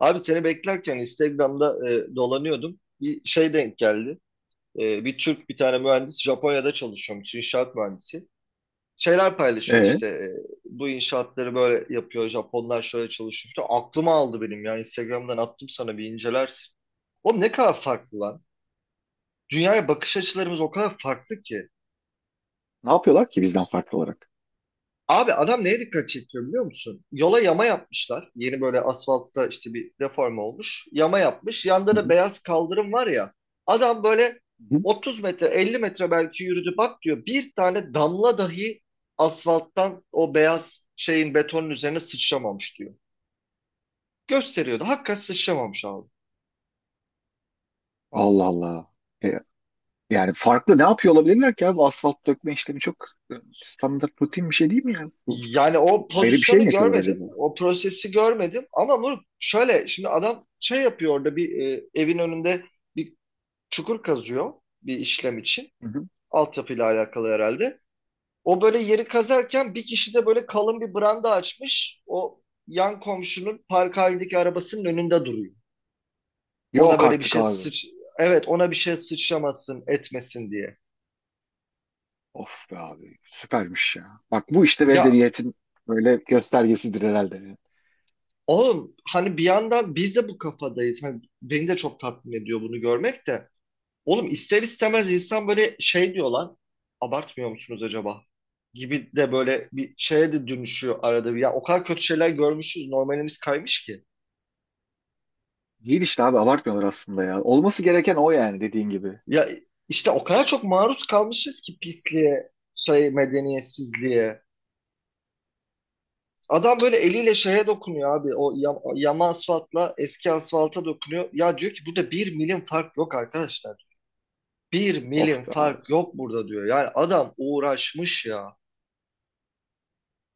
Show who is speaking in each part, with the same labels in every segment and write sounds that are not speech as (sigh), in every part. Speaker 1: Abi seni beklerken Instagram'da dolanıyordum. Bir şey denk geldi. Bir Türk bir tane mühendis Japonya'da çalışıyormuş, inşaat mühendisi. Şeyler paylaşıyor
Speaker 2: E,
Speaker 1: işte, bu inşaatları böyle yapıyor, Japonlar şöyle çalışıyor. İşte aklıma aldı benim ya, Instagram'dan attım sana, bir incelersin. Oğlum, ne kadar farklı lan. Dünyaya bakış açılarımız o kadar farklı ki.
Speaker 2: Ne yapıyorlar ki bizden farklı olarak?
Speaker 1: Abi, adam neye dikkat çekiyor biliyor musun? Yola yama yapmışlar. Yeni böyle asfaltta işte bir reform olmuş. Yama yapmış. Yanda
Speaker 2: Hı
Speaker 1: da
Speaker 2: hı.
Speaker 1: beyaz kaldırım var ya. Adam böyle
Speaker 2: Hı hı.
Speaker 1: 30 metre 50 metre belki yürüdü bak diyor. Bir tane damla dahi asfalttan o beyaz şeyin, betonun üzerine sıçramamış diyor. Gösteriyordu. Hakikaten sıçramamış abi.
Speaker 2: Allah Allah. E, Yani farklı ne yapıyor olabilirler ki abi? Asfalt dökme işlemi çok e, standart rutin bir şey değil mi yani? Bu
Speaker 1: Yani o
Speaker 2: ayrı bir şey mi
Speaker 1: pozisyonu
Speaker 2: yapıyorlar
Speaker 1: görmedim.
Speaker 2: acaba?
Speaker 1: O prosesi görmedim. Ama bu şöyle, şimdi adam şey yapıyor orada, bir evin önünde bir çukur kazıyor bir işlem için.
Speaker 2: Hı hı.
Speaker 1: Altyapıyla alakalı herhalde. O böyle yeri kazarken bir kişi de böyle kalın bir branda açmış. O, yan komşunun park halindeki arabasının önünde duruyor. Ona
Speaker 2: Yok
Speaker 1: böyle bir
Speaker 2: artık
Speaker 1: şey
Speaker 2: abi.
Speaker 1: sıç... Evet, ona bir şey sıçramasın etmesin diye.
Speaker 2: Of be abi. Süpermiş ya. Bak bu işte
Speaker 1: Ya
Speaker 2: medeniyetin böyle göstergesidir herhalde.
Speaker 1: oğlum, hani bir yandan biz de bu kafadayız. Hani beni de çok tatmin ediyor bunu görmek de. Oğlum, ister
Speaker 2: Evet.
Speaker 1: istemez insan böyle şey diyor lan. Abartmıyor musunuz acaba? Gibi de böyle bir şeye de dönüşüyor arada bir. Ya, o kadar kötü şeyler görmüşüz. Normalimiz kaymış ki.
Speaker 2: Değil işte abi, abartmıyorlar aslında ya. Olması gereken o yani, dediğin gibi.
Speaker 1: Ya işte, o kadar çok maruz kalmışız ki pisliğe, şey medeniyetsizliğe. Adam böyle eliyle şeye dokunuyor abi. O yama asfaltla eski asfalta dokunuyor. Ya diyor ki, burada bir milim fark yok arkadaşlar. Bir
Speaker 2: Of
Speaker 1: milim
Speaker 2: be abi.
Speaker 1: fark yok burada diyor. Yani adam uğraşmış ya.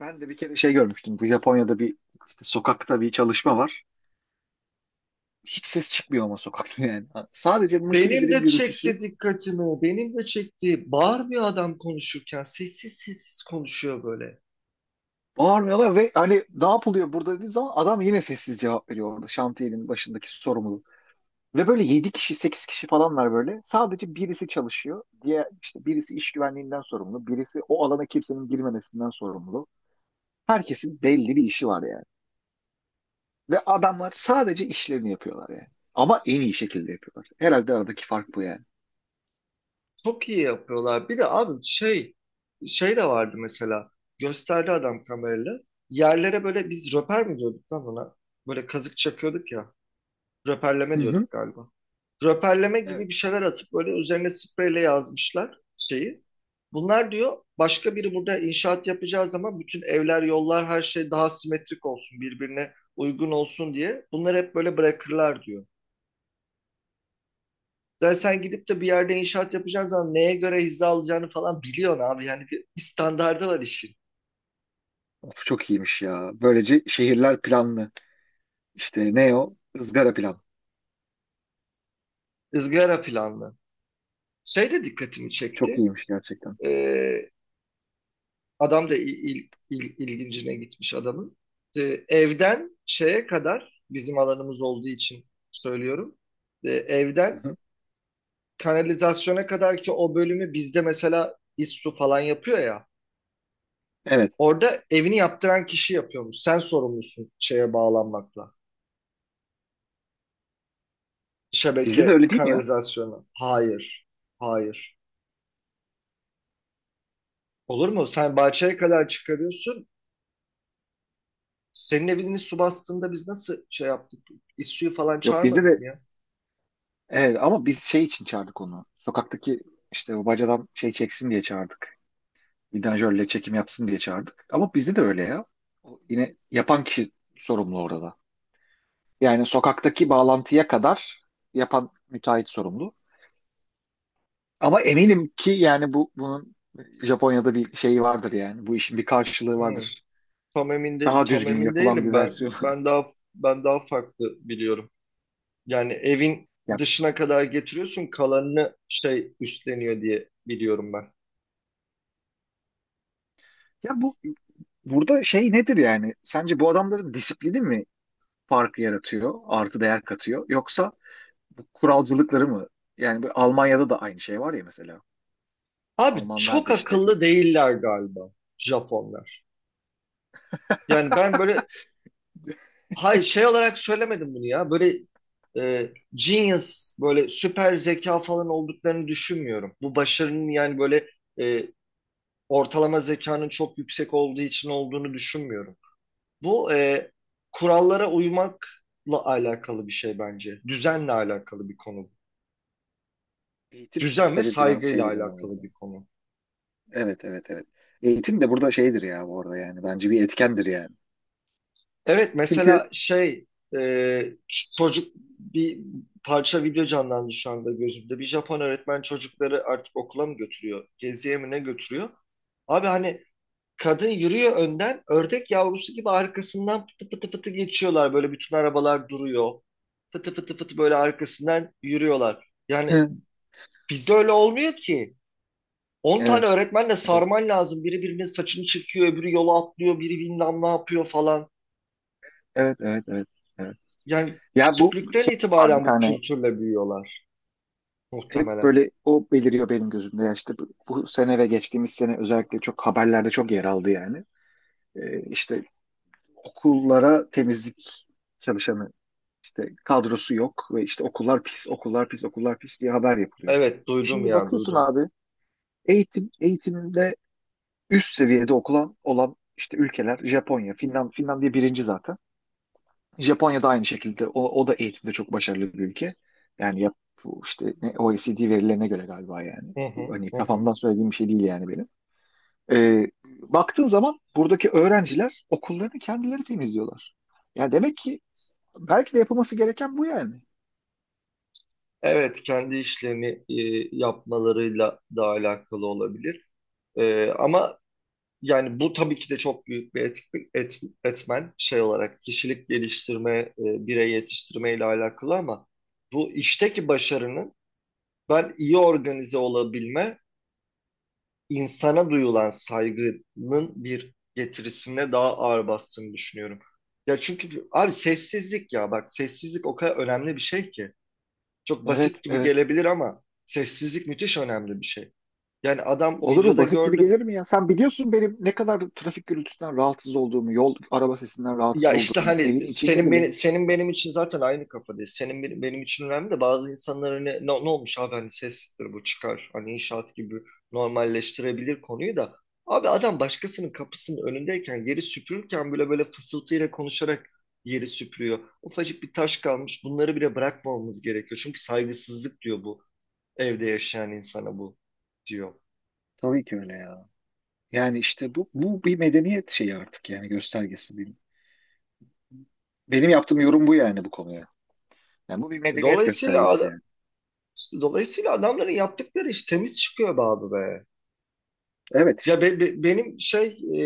Speaker 2: Ben de bir kere şey görmüştüm. Bu Japonya'da bir işte sokakta bir çalışma var. Hiç ses çıkmıyor ama sokakta (laughs) yani. Sadece
Speaker 1: Benim
Speaker 2: makinelerin
Speaker 1: de
Speaker 2: gürültüsü.
Speaker 1: çekti dikkatimi. Benim de çekti. Bağırmıyor adam konuşurken. Sessiz sessiz konuşuyor böyle.
Speaker 2: Bağırmıyorlar ve hani ne yapılıyor burada dediği zaman adam yine sessiz cevap veriyor orada. Şantiyenin başındaki sorumlu. Ve böyle 7 kişi 8 kişi falan var böyle. Sadece birisi çalışıyor. Diye işte birisi iş güvenliğinden sorumlu. Birisi o alana kimsenin girmemesinden sorumlu. Herkesin belli bir işi var yani. Ve adamlar sadece işlerini yapıyorlar yani. Ama en iyi şekilde yapıyorlar. Herhalde aradaki fark bu yani.
Speaker 1: Çok iyi yapıyorlar. Bir de abi şey şey de vardı mesela. Gösterdi adam kamerayla. Yerlere böyle, biz röper mi diyorduk lan ona? Böyle kazık çakıyorduk ya.
Speaker 2: Hı
Speaker 1: Röperleme
Speaker 2: hı.
Speaker 1: diyorduk galiba. Röperleme gibi
Speaker 2: Evet.
Speaker 1: bir şeyler atıp böyle üzerine spreyle yazmışlar şeyi. Bunlar diyor, başka biri burada inşaat yapacağı zaman bütün evler, yollar, her şey daha simetrik olsun, birbirine uygun olsun diye. Bunları hep böyle bırakırlar diyor. Yani sen gidip de bir yerde inşaat yapacağın zaman neye göre hizaya alacağını falan biliyorsun abi. Yani bir, standardı var işin.
Speaker 2: Of, çok iyiymiş ya. Böylece şehirler planlı. İşte ne o? Izgara pilav.
Speaker 1: Izgara planlı. Şey de dikkatimi
Speaker 2: Çok
Speaker 1: çekti.
Speaker 2: iyiymiş gerçekten.
Speaker 1: Ee, Adam da ilgincine gitmiş adamın. İşte evden şeye kadar bizim alanımız olduğu için söylüyorum.
Speaker 2: Hı
Speaker 1: Evden
Speaker 2: hı.
Speaker 1: kanalizasyona kadar ki o bölümü, bizde mesela İSSU falan yapıyor ya.
Speaker 2: Evet.
Speaker 1: Orada evini yaptıran kişi yapıyormuş. Sen sorumlusun şeye bağlanmakla.
Speaker 2: Bizde de
Speaker 1: Şebeke
Speaker 2: öyle değil mi ya?
Speaker 1: kanalizasyonu. Hayır. Hayır. Olur mu? Sen bahçeye kadar çıkarıyorsun. Senin evini su bastığında biz nasıl şey yaptık? İSSU'yu falan
Speaker 2: Yok, bizde
Speaker 1: çağırmadık mı
Speaker 2: de
Speaker 1: ya?
Speaker 2: evet, ama biz şey için çağırdık onu. Sokaktaki işte o bacadan şey çeksin diye çağırdık. Vidanjörle çekim yapsın diye çağırdık. Ama bizde de öyle ya. O yine yapan kişi sorumlu orada. Yani sokaktaki bağlantıya kadar yapan müteahhit sorumlu. Ama eminim ki yani bunun Japonya'da bir şeyi vardır yani. Bu işin bir karşılığı
Speaker 1: Hı.
Speaker 2: vardır.
Speaker 1: Tam emin de,
Speaker 2: Daha
Speaker 1: tam
Speaker 2: düzgün
Speaker 1: emin
Speaker 2: yapılan
Speaker 1: değilim
Speaker 2: bir
Speaker 1: ben.
Speaker 2: versiyonu. (laughs)
Speaker 1: Ben daha farklı biliyorum. Yani evin
Speaker 2: Ya,
Speaker 1: dışına kadar getiriyorsun, kalanını şey üstleniyor diye biliyorum ben.
Speaker 2: ya, bu burada şey nedir yani? Sence bu adamların disiplini mi farkı yaratıyor, artı değer katıyor? Yoksa bu kuralcılıkları mı? Yani bu Almanya'da da aynı şey var ya mesela.
Speaker 1: Abi
Speaker 2: Almanlar
Speaker 1: çok
Speaker 2: da işte çok.
Speaker 1: akıllı değiller galiba Japonlar. Yani ben böyle hay şey olarak söylemedim bunu ya. Böyle genius, böyle süper zeka falan olduklarını düşünmüyorum. Bu başarının yani böyle, e, ortalama zekanın çok yüksek olduğu için olduğunu düşünmüyorum. Bu kurallara uymakla alakalı bir şey bence. Düzenle alakalı bir konu.
Speaker 2: Eğitim de
Speaker 1: Düzen ve
Speaker 2: tabii biraz
Speaker 1: saygıyla
Speaker 2: şeydir yani, orada.
Speaker 1: alakalı bir konu.
Speaker 2: Evet, evet, evet. Eğitim de burada şeydir ya bu arada yani. Bence bir etkendir yani.
Speaker 1: Evet
Speaker 2: Çünkü
Speaker 1: mesela şey, e, çocuk, bir parça video canlandı şu anda gözümde. Bir Japon öğretmen çocukları artık okula mı götürüyor, geziye mi ne götürüyor? Abi hani, kadın yürüyor önden, ördek yavrusu gibi arkasından fıtı fıtı fıtı geçiyorlar. Böyle bütün arabalar duruyor. Fıtı fıtı fıtı böyle arkasından yürüyorlar. Yani
Speaker 2: hı,
Speaker 1: bizde öyle olmuyor ki. 10 tane
Speaker 2: evet,
Speaker 1: öğretmenle
Speaker 2: evet,
Speaker 1: sarman lazım. Biri birinin saçını çekiyor, öbürü yola atlıyor, biri bilmem ne yapıyor falan.
Speaker 2: evet, evet, evet. Evet.
Speaker 1: Yani
Speaker 2: Ya bu
Speaker 1: küçüklükten
Speaker 2: şey var bir
Speaker 1: itibaren bu
Speaker 2: tane,
Speaker 1: kültürle büyüyorlar
Speaker 2: hep
Speaker 1: muhtemelen.
Speaker 2: böyle o beliriyor benim gözümde. Ya işte bu sene ve geçtiğimiz sene özellikle çok haberlerde çok yer aldı yani. İşte okullara temizlik çalışanı işte kadrosu yok ve işte okullar pis, okullar pis, okullar pis diye haber yapılıyor.
Speaker 1: Evet duydum
Speaker 2: Şimdi
Speaker 1: ya,
Speaker 2: bakıyorsun
Speaker 1: duydum.
Speaker 2: abi, eğitimde üst seviyede okulan olan işte ülkeler Japonya, Finland, Finlandiya birinci zaten. Japonya da aynı şekilde o da eğitimde çok başarılı bir ülke. Yani yap, bu işte ne, OECD verilerine göre galiba yani.
Speaker 1: Hı
Speaker 2: Bu
Speaker 1: hı,
Speaker 2: hani
Speaker 1: hı hı.
Speaker 2: kafamdan söylediğim bir şey değil yani benim. Baktığın zaman buradaki öğrenciler okullarını kendileri temizliyorlar. Yani demek ki belki de yapılması gereken bu yani.
Speaker 1: Evet, kendi işlerini yapmalarıyla da alakalı olabilir. Ama yani bu tabii ki de çok büyük bir etmen, şey olarak kişilik geliştirme, birey yetiştirme ile alakalı, ama bu işteki başarının, ben iyi organize olabilme, insana duyulan saygının bir getirisine daha ağır bastığını düşünüyorum. Ya çünkü abi, sessizlik ya, bak sessizlik o kadar önemli bir şey ki. Çok basit
Speaker 2: Evet,
Speaker 1: gibi
Speaker 2: evet.
Speaker 1: gelebilir ama sessizlik müthiş önemli bir şey. Yani adam,
Speaker 2: Olur mu?
Speaker 1: videoda
Speaker 2: Basit gibi
Speaker 1: gördüm.
Speaker 2: gelir mi ya? Sen biliyorsun benim ne kadar trafik gürültüsünden rahatsız olduğumu, yol araba sesinden rahatsız
Speaker 1: Ya işte
Speaker 2: olduğumu, evin
Speaker 1: hani,
Speaker 2: içinde
Speaker 1: senin
Speaker 2: bile.
Speaker 1: beni, senin benim için zaten aynı kafadayız. Senin benim, benim için önemli, de bazı insanlar hani, ne, ne olmuş abi, hani sestir bu, çıkar. Hani inşaat gibi normalleştirebilir konuyu da. Abi adam başkasının kapısının önündeyken, yeri süpürürken bile böyle fısıltıyla konuşarak yeri süpürüyor. Ufacık bir taş kalmış. Bunları bile bırakmamamız gerekiyor. Çünkü saygısızlık diyor bu, evde yaşayan insana bu, diyor.
Speaker 2: Tabii ki öyle ya. Yani işte bu bir medeniyet şeyi artık yani, göstergesi. Benim yaptığım yorum bu yani, bu konuya. Yani bu bir
Speaker 1: E,
Speaker 2: medeniyet
Speaker 1: Dolayısıyla
Speaker 2: göstergesi
Speaker 1: ad-
Speaker 2: yani.
Speaker 1: işte dolayısıyla adamların yaptıkları iş temiz çıkıyor be abi be.
Speaker 2: Evet
Speaker 1: Ya
Speaker 2: işte.
Speaker 1: benim şey, e,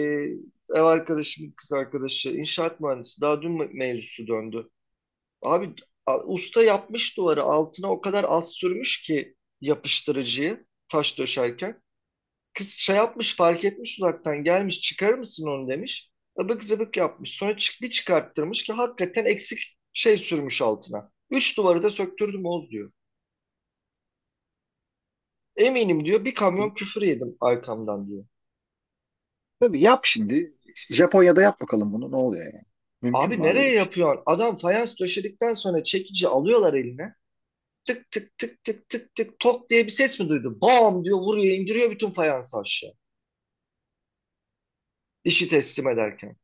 Speaker 1: ev arkadaşım, kız arkadaşı inşaat mühendisi. Daha dün mevzusu döndü. Abi, usta yapmış duvarı, altına o kadar az sürmüş ki yapıştırıcıyı, taş döşerken. Kız şey yapmış, fark etmiş, uzaktan gelmiş, çıkarır mısın onu demiş. Abık zıbık yapmış. Sonra çık bir çıkarttırmış ki hakikaten eksik şey sürmüş altına. Üç duvarı da söktürdüm Oğuz diyor. Eminim diyor, bir kamyon küfür yedim arkamdan diyor.
Speaker 2: Tabii yap şimdi. Japonya'da yap bakalım bunu, ne oluyor yani. Mümkün
Speaker 1: Abi
Speaker 2: mü abi
Speaker 1: nereye
Speaker 2: böyle bir şey?
Speaker 1: yapıyorsun? Adam fayans döşedikten sonra çekici alıyorlar eline. Tık tık tık tık tık tık tok diye bir ses mi duydun? Bam diyor, vuruyor indiriyor bütün fayansı aşağı. İşi teslim ederken.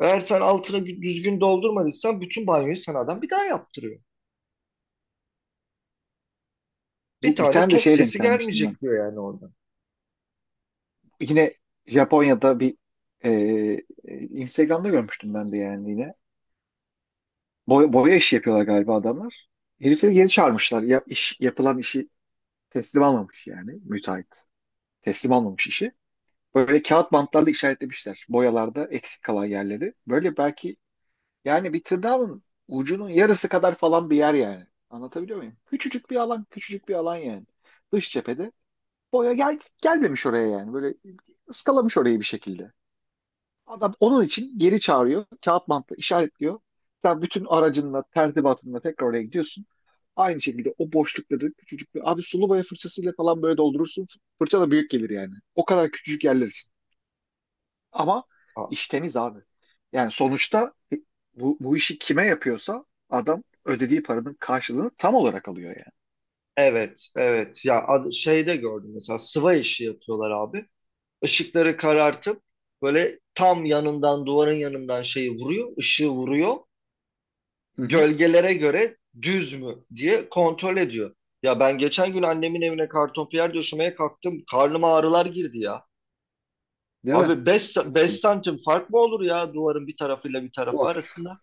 Speaker 1: Eğer sen altına düzgün doldurmadıysan bütün banyoyu sana adam bir daha yaptırıyor. Bir
Speaker 2: Bu bir
Speaker 1: tane
Speaker 2: tane de
Speaker 1: tok
Speaker 2: şeye denk
Speaker 1: sesi
Speaker 2: gelmiştim ben.
Speaker 1: gelmeyecek diyor yani oradan.
Speaker 2: Yine Japonya'da bir e, Instagram'da görmüştüm ben de yani yine. Boya işi yapıyorlar galiba adamlar. Herifleri geri çağırmışlar. Ya, iş, yapılan işi teslim almamış yani müteahhit. Teslim almamış işi. Böyle kağıt bantlarla işaretlemişler. Boyalarda eksik kalan yerleri. Böyle belki yani bir tırnağın ucunun yarısı kadar falan bir yer yani. Anlatabiliyor muyum? Küçücük bir alan, küçücük bir alan yani. Dış cephede gelmemiş oraya yani. Böyle ıskalamış orayı bir şekilde. Adam onun için geri çağırıyor. Kağıt bantla işaretliyor. Sen bütün aracınla, tertibatınla tekrar oraya gidiyorsun. Aynı şekilde o boşlukları küçücük bir... Abi sulu boya fırçasıyla falan böyle doldurursun. Fırça da büyük gelir yani. O kadar küçücük yerler için. Ama
Speaker 1: Aa,
Speaker 2: iş temiz abi. Yani sonuçta bu işi kime yapıyorsa adam ödediği paranın karşılığını tam olarak alıyor
Speaker 1: evet evet ya, şeyde gördüm mesela, sıva işi yapıyorlar abi. Işıkları karartıp böyle tam yanından, duvarın yanından şeyi vuruyor, ışığı vuruyor.
Speaker 2: yani. Hı hı.
Speaker 1: Gölgelere göre düz mü diye kontrol ediyor. Ya ben geçen gün annemin evine kartonpiyer döşemeye kalktım. Karnıma ağrılar girdi ya.
Speaker 2: Değil mi?
Speaker 1: Abi, 5
Speaker 2: Yamuk
Speaker 1: 5
Speaker 2: yumuk.
Speaker 1: santim fark mı olur ya duvarın bir tarafıyla bir tarafı
Speaker 2: Of.
Speaker 1: arasında?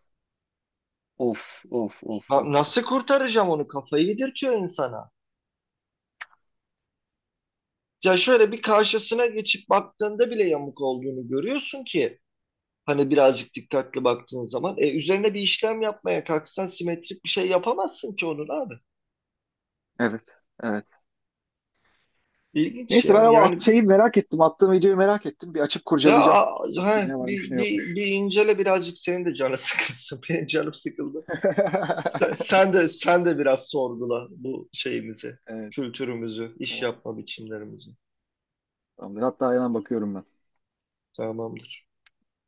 Speaker 2: Of. Of. Of. Of.
Speaker 1: Nasıl kurtaracağım onu? Kafayı yedirtiyor insana. Ya şöyle bir karşısına geçip baktığında bile yamuk olduğunu görüyorsun ki, hani birazcık dikkatli baktığın zaman. Üzerine bir işlem yapmaya kalksan simetrik bir şey yapamazsın ki onun abi.
Speaker 2: Evet. Evet.
Speaker 1: İlginç
Speaker 2: Neyse
Speaker 1: ya.
Speaker 2: ben ama at
Speaker 1: Yani,
Speaker 2: şeyi merak ettim. Attığım videoyu merak ettim. Bir açıp
Speaker 1: ya,
Speaker 2: kurcalayacağım. Bakayım
Speaker 1: he,
Speaker 2: ne varmış ne yokmuş.
Speaker 1: bir incele birazcık, senin de canı sıkılsın. (laughs) Benim canım sıkıldı.
Speaker 2: (laughs)
Speaker 1: Sen de biraz sorgula bu şeyimizi,
Speaker 2: Evet,
Speaker 1: kültürümüzü, iş
Speaker 2: tamam.
Speaker 1: yapma biçimlerimizi.
Speaker 2: Tamamdır. Hatta hemen bakıyorum ben.
Speaker 1: Tamamdır.